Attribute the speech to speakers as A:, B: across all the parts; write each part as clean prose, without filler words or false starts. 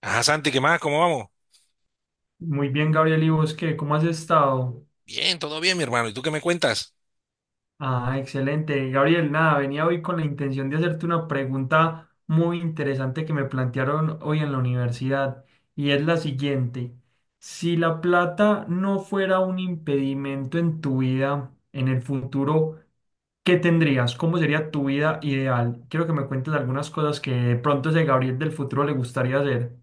A: Ajá, Santi, ¿qué más? ¿Cómo vamos?
B: Muy bien, Gabriel, ¿y vos qué? ¿Cómo has estado?
A: Bien, todo bien, mi hermano. ¿Y tú qué me cuentas?
B: Ah, excelente. Gabriel, nada, venía hoy con la intención de hacerte una pregunta muy interesante que me plantearon hoy en la universidad y es la siguiente. Si la plata no fuera un impedimento en tu vida, en el futuro, ¿qué tendrías? ¿Cómo sería tu vida ideal? Quiero que me cuentes algunas cosas que de pronto ese Gabriel del futuro le gustaría hacer.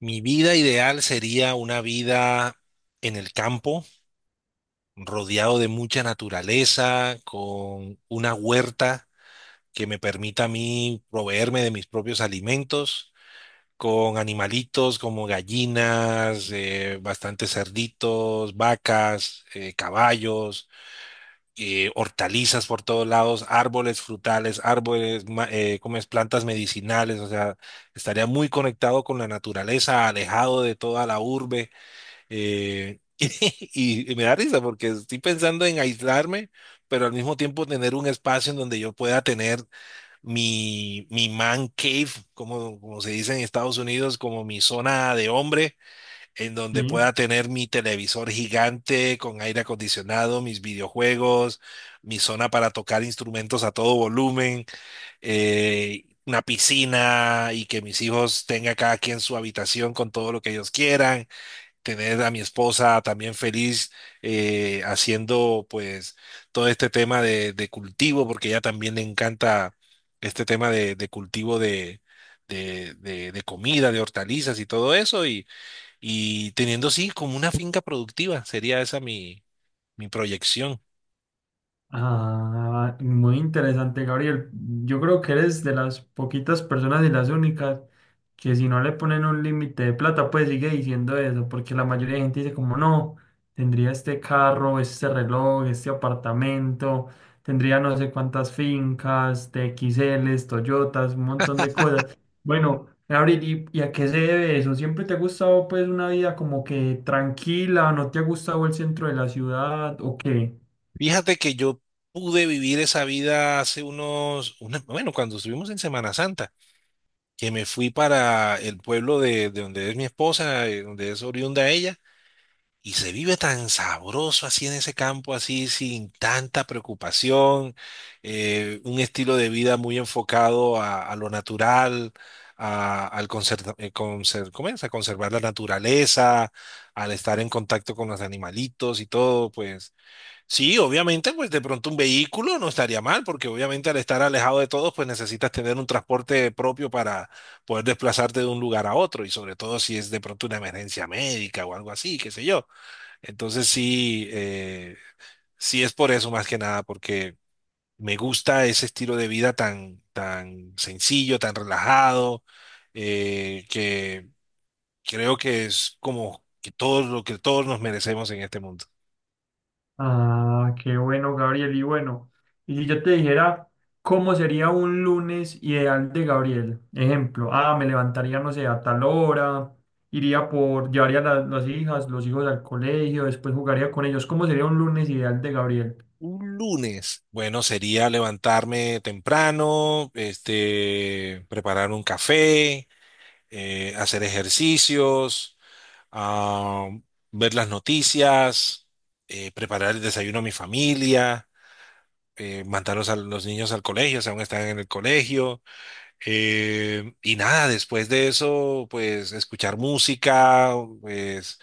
A: Mi vida ideal sería una vida en el campo, rodeado de mucha naturaleza, con una huerta que me permita a mí proveerme de mis propios alimentos, con animalitos como gallinas, bastantes cerditos, vacas, caballos. Hortalizas por todos lados, árboles frutales, árboles, como es, plantas medicinales, o sea, estaría muy conectado con la naturaleza, alejado de toda la urbe. eh, y me da risa porque estoy pensando en aislarme, pero al mismo tiempo tener un espacio en donde yo pueda tener mi man cave, como, como se dice en Estados Unidos, como mi zona de hombre en donde
B: Sí.
A: pueda tener mi televisor gigante con aire acondicionado, mis videojuegos, mi zona para tocar instrumentos a todo volumen, una piscina y que mis hijos tengan cada quien su habitación con todo lo que ellos quieran, tener a mi esposa también feliz, haciendo pues todo este tema de cultivo, porque ella también le encanta este tema de cultivo de... de comida, de hortalizas y todo eso, y teniendo así como una finca productiva, sería esa mi, mi proyección.
B: Ah, muy interesante, Gabriel. Yo creo que eres de las poquitas personas y las únicas que si no le ponen un límite de plata, pues sigue diciendo eso, porque la mayoría de gente dice como no, tendría este carro, este reloj, este apartamento, tendría no sé cuántas fincas, TXLs, Toyotas, un montón de cosas. Bueno, Gabriel, ¿y a qué se debe eso? ¿Siempre te ha gustado pues una vida como que tranquila, no te ha gustado el centro de la ciudad o qué?
A: Fíjate que yo pude vivir esa vida hace unos, bueno, cuando estuvimos en Semana Santa, que me fui para el pueblo de donde es mi esposa, donde es oriunda ella. Y se vive tan sabroso así en ese campo, así sin tanta preocupación, un estilo de vida muy enfocado a lo natural, a, ¿cómo es? A conservar la naturaleza, al estar en contacto con los animalitos y todo, pues sí, obviamente, pues de pronto un vehículo no estaría mal, porque obviamente al estar alejado de todos, pues necesitas tener un transporte propio para poder desplazarte de un lugar a otro, y sobre todo si es de pronto una emergencia médica o algo así, qué sé yo. Entonces sí, sí es por eso más que nada, porque me gusta ese estilo de vida tan, tan sencillo, tan relajado, que creo que es como que todos lo que todos nos merecemos en este mundo.
B: Ah, qué bueno, Gabriel. Y bueno, y si yo te dijera cómo sería un lunes ideal de Gabriel, ejemplo, ah, me levantaría, no sé, a tal hora, iría por, las hijas, los hijos al colegio, después jugaría con ellos. ¿Cómo sería un lunes ideal de Gabriel?
A: Un lunes, bueno, sería levantarme temprano, este, preparar un café, hacer ejercicios, ah, ver las noticias, preparar el desayuno a mi familia, mandarlos a los niños al colegio, o sea, aún están en el colegio. Y nada, después de eso, pues escuchar música, pues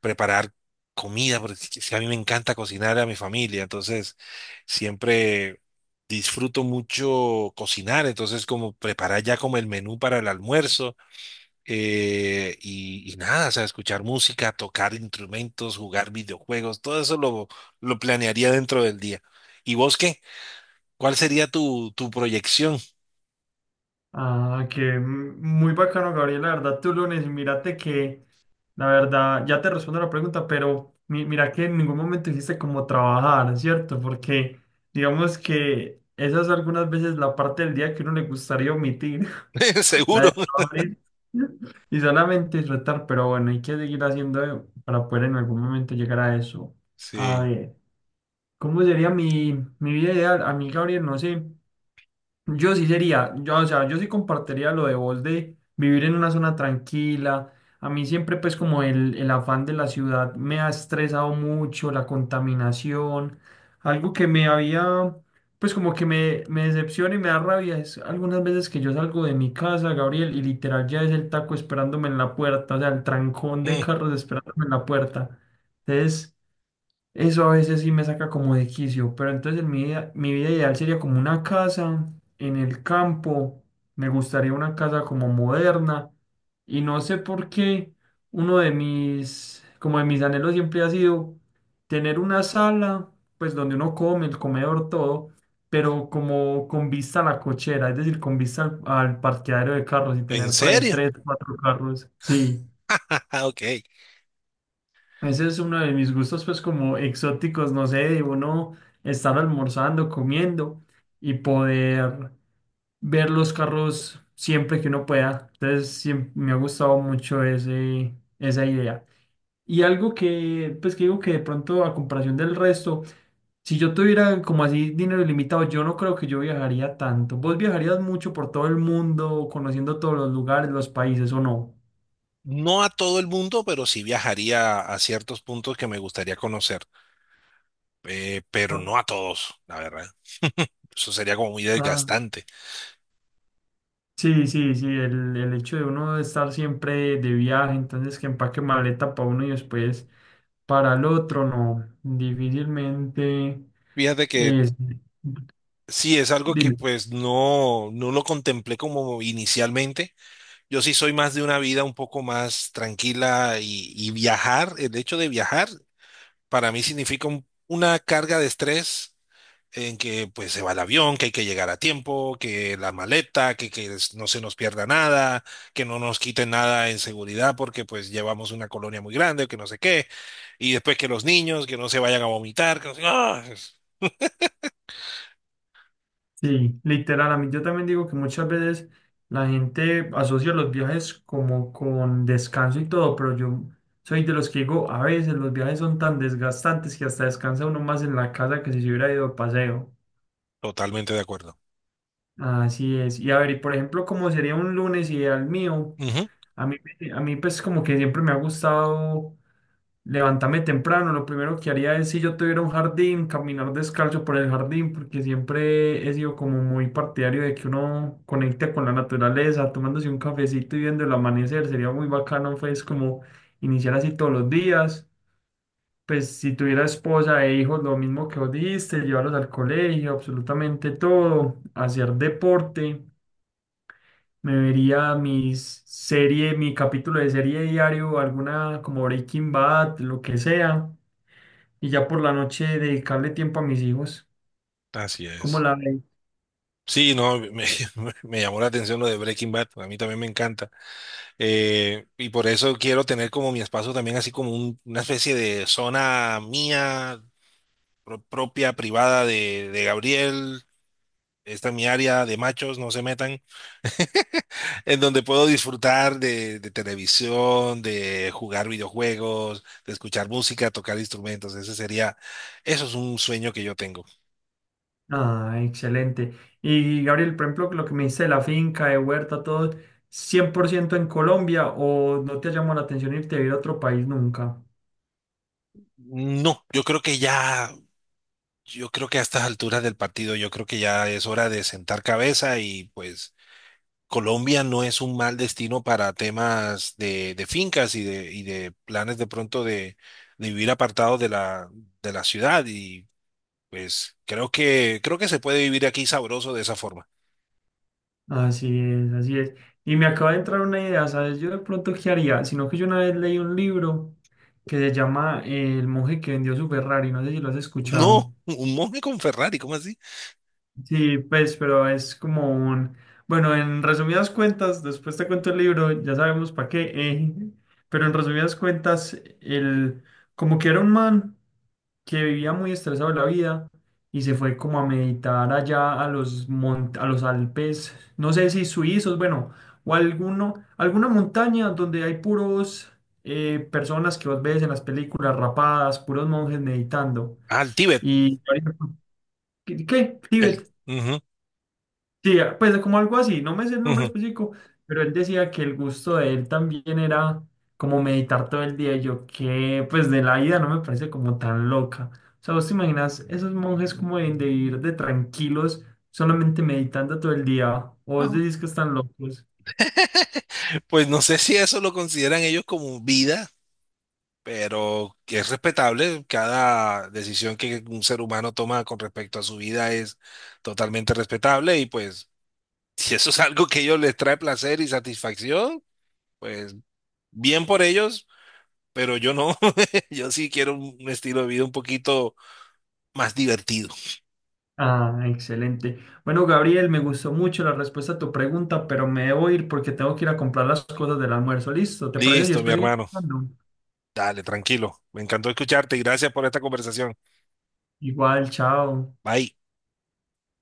A: preparar comida, porque es que a mí me encanta cocinar a mi familia, entonces siempre disfruto mucho cocinar, entonces como preparar ya como el menú para el almuerzo. Y, y nada, o sea, escuchar música, tocar instrumentos, jugar videojuegos, todo eso lo planearía dentro del día. ¿Y vos qué? ¿Cuál sería tu, tu proyección?
B: Ah, muy bacano, Gabriel. La verdad, tú lunes, mírate que, la verdad, ya te respondo la pregunta, pero mira que en ningún momento hiciste como trabajar, ¿cierto? Porque digamos que esa es algunas veces la parte del día que uno le gustaría omitir, la
A: Seguro.
B: de trabajar y y solamente disfrutar, pero bueno, hay que seguir haciendo para poder en algún momento llegar a eso. A
A: Sí.
B: ver, ¿cómo sería mi vida ideal? A mí, Gabriel, no sé. Yo sí sería, yo, o sea, yo sí compartiría lo de vos de vivir en una zona tranquila. A mí siempre pues como el afán de la ciudad me ha estresado mucho, la contaminación, algo que me había, pues como que me decepciona y me da rabia es algunas veces que yo salgo de mi casa, Gabriel, y literal ya es el taco esperándome en la puerta, o sea, el trancón de
A: Mm.
B: carros esperándome en la puerta. Entonces... Eso a veces sí me saca como de quicio, pero entonces en mi vida ideal sería como una casa en el campo, me gustaría una casa como moderna y no sé por qué uno de mis, como de mis anhelos siempre ha sido tener una sala, pues donde uno come, el comedor, todo, pero como con vista a la cochera, es decir, con vista al, al parqueadero de carros y
A: ¿En
B: tener por ahí
A: serio?
B: tres, cuatro carros, sí.
A: Ok.
B: Ese es uno de mis gustos, pues como exóticos, no sé, de uno estar almorzando, comiendo y poder ver los carros siempre que uno pueda. Entonces, me ha gustado mucho ese, esa idea. Y algo que, pues que digo que de pronto a comparación del resto, si yo tuviera como así dinero ilimitado, yo no creo que yo viajaría tanto. ¿Vos viajarías mucho por todo el mundo, conociendo todos los lugares, los países o no?
A: No a todo el mundo, pero sí viajaría a ciertos puntos que me gustaría conocer, pero
B: Ah,
A: no a todos, la verdad. Eso sería como muy
B: ah.
A: desgastante.
B: Sí, sí, sí, el hecho de uno estar siempre de viaje, entonces que empaque maleta para uno y después para el otro, no, difícilmente
A: Fíjate que
B: es,
A: sí, es algo que
B: dime,
A: pues no, no lo contemplé como inicialmente. Yo sí soy más de una vida un poco más tranquila y viajar, el hecho de viajar para mí significa una carga de estrés en que pues se va el avión, que hay que llegar a tiempo, que la maleta, que, no se nos pierda nada, que no nos quiten nada en seguridad porque pues llevamos una colonia muy grande, que no sé qué, y después que los niños, que no se vayan a vomitar, que no sé- ¡Ah! Es-
B: sí, literal, a mí yo también digo que muchas veces la gente asocia los viajes como con descanso y todo, pero yo soy de los que digo, a veces los viajes son tan desgastantes que hasta descansa uno más en la casa que si se hubiera ido de paseo.
A: Totalmente de acuerdo.
B: Así es. Y a ver, y por ejemplo, ¿cómo sería un lunes ideal mío?
A: Ujú.
B: A mí, a mí pues como que siempre me ha gustado levantarme temprano. Lo primero que haría es si yo tuviera un jardín, caminar descalzo por el jardín, porque siempre he sido como muy partidario de que uno conecte con la naturaleza, tomándose un cafecito y viendo el amanecer. Sería muy bacano pues como iniciar así todos los días. Pues si tuviera esposa e hijos, lo mismo que vos dijiste, llevarlos al colegio, absolutamente todo, hacer deporte. Me vería mis serie, mi capítulo de serie diario, alguna como Breaking Bad, lo que sea, y ya por la noche dedicarle tiempo a mis hijos.
A: Así
B: ¿Cómo
A: es.
B: la ve?
A: Sí, no, me, me llamó la atención lo de Breaking Bad, a mí también me encanta. Y por eso quiero tener como mi espacio también así como una especie de zona mía, propia, privada de Gabriel. Esta es mi área de machos, no se metan, en donde puedo disfrutar de televisión, de jugar videojuegos, de escuchar música, tocar instrumentos. Ese sería, eso es un sueño que yo tengo.
B: Ah, excelente. Y Gabriel, por ejemplo, lo que me dice de la finca, de huerta, todo, 100% en Colombia o no te ha llamado la atención irte a vivir a otro país nunca.
A: No, yo creo que ya, yo creo que a estas alturas del partido, yo creo que ya es hora de sentar cabeza y pues Colombia no es un mal destino para temas de fincas y de planes de pronto de vivir apartados de la ciudad y pues creo que se puede vivir aquí sabroso de esa forma.
B: Así es, así es. Y me acaba de entrar una idea, ¿sabes? Yo de pronto, ¿qué haría? Sino que yo una vez leí un libro que se llama El monje que vendió su Ferrari, no sé si lo has
A: No,
B: escuchado.
A: un monje con Ferrari, ¿cómo así?
B: Sí, pues, pero es como un... Bueno, en resumidas cuentas, después te cuento el libro, ya sabemos para qué, pero en resumidas cuentas, el... como que era un man que vivía muy estresado de la vida y se fue como a meditar allá a los, a los Alpes, no sé si suizos, bueno, o alguno, alguna montaña donde hay puros personas que vos ves en las películas rapadas, puros monjes meditando.
A: Ah, el Tíbet.
B: ¿Y ¿qué?
A: El,
B: ¿Tíbet?
A: ujú,
B: Sí, ah, pues como algo así, no me sé el nombre
A: ujú.
B: específico, pero él decía que el gusto de él también era como meditar todo el día. Y yo que pues de la vida no me parece como tan loca. O sea, vos te imaginas esos monjes como de ir de tranquilos solamente meditando todo el día, o vos
A: Ajá.
B: decís que están locos.
A: Pues no sé si eso lo consideran ellos como vida, pero que es respetable. Cada decisión que un ser humano toma con respecto a su vida es totalmente respetable y pues si eso es algo que a ellos les trae placer y satisfacción, pues bien por ellos, pero yo no. Yo sí quiero un estilo de vida un poquito más divertido.
B: Ah, excelente. Bueno, Gabriel, me gustó mucho la respuesta a tu pregunta, pero me debo ir porque tengo que ir a comprar las cosas del almuerzo. Listo, ¿te parece? Y
A: Listo, mi
B: después seguimos
A: hermano.
B: hablando.
A: Dale, tranquilo. Me encantó escucharte y gracias por esta conversación.
B: Igual, chao.
A: Bye.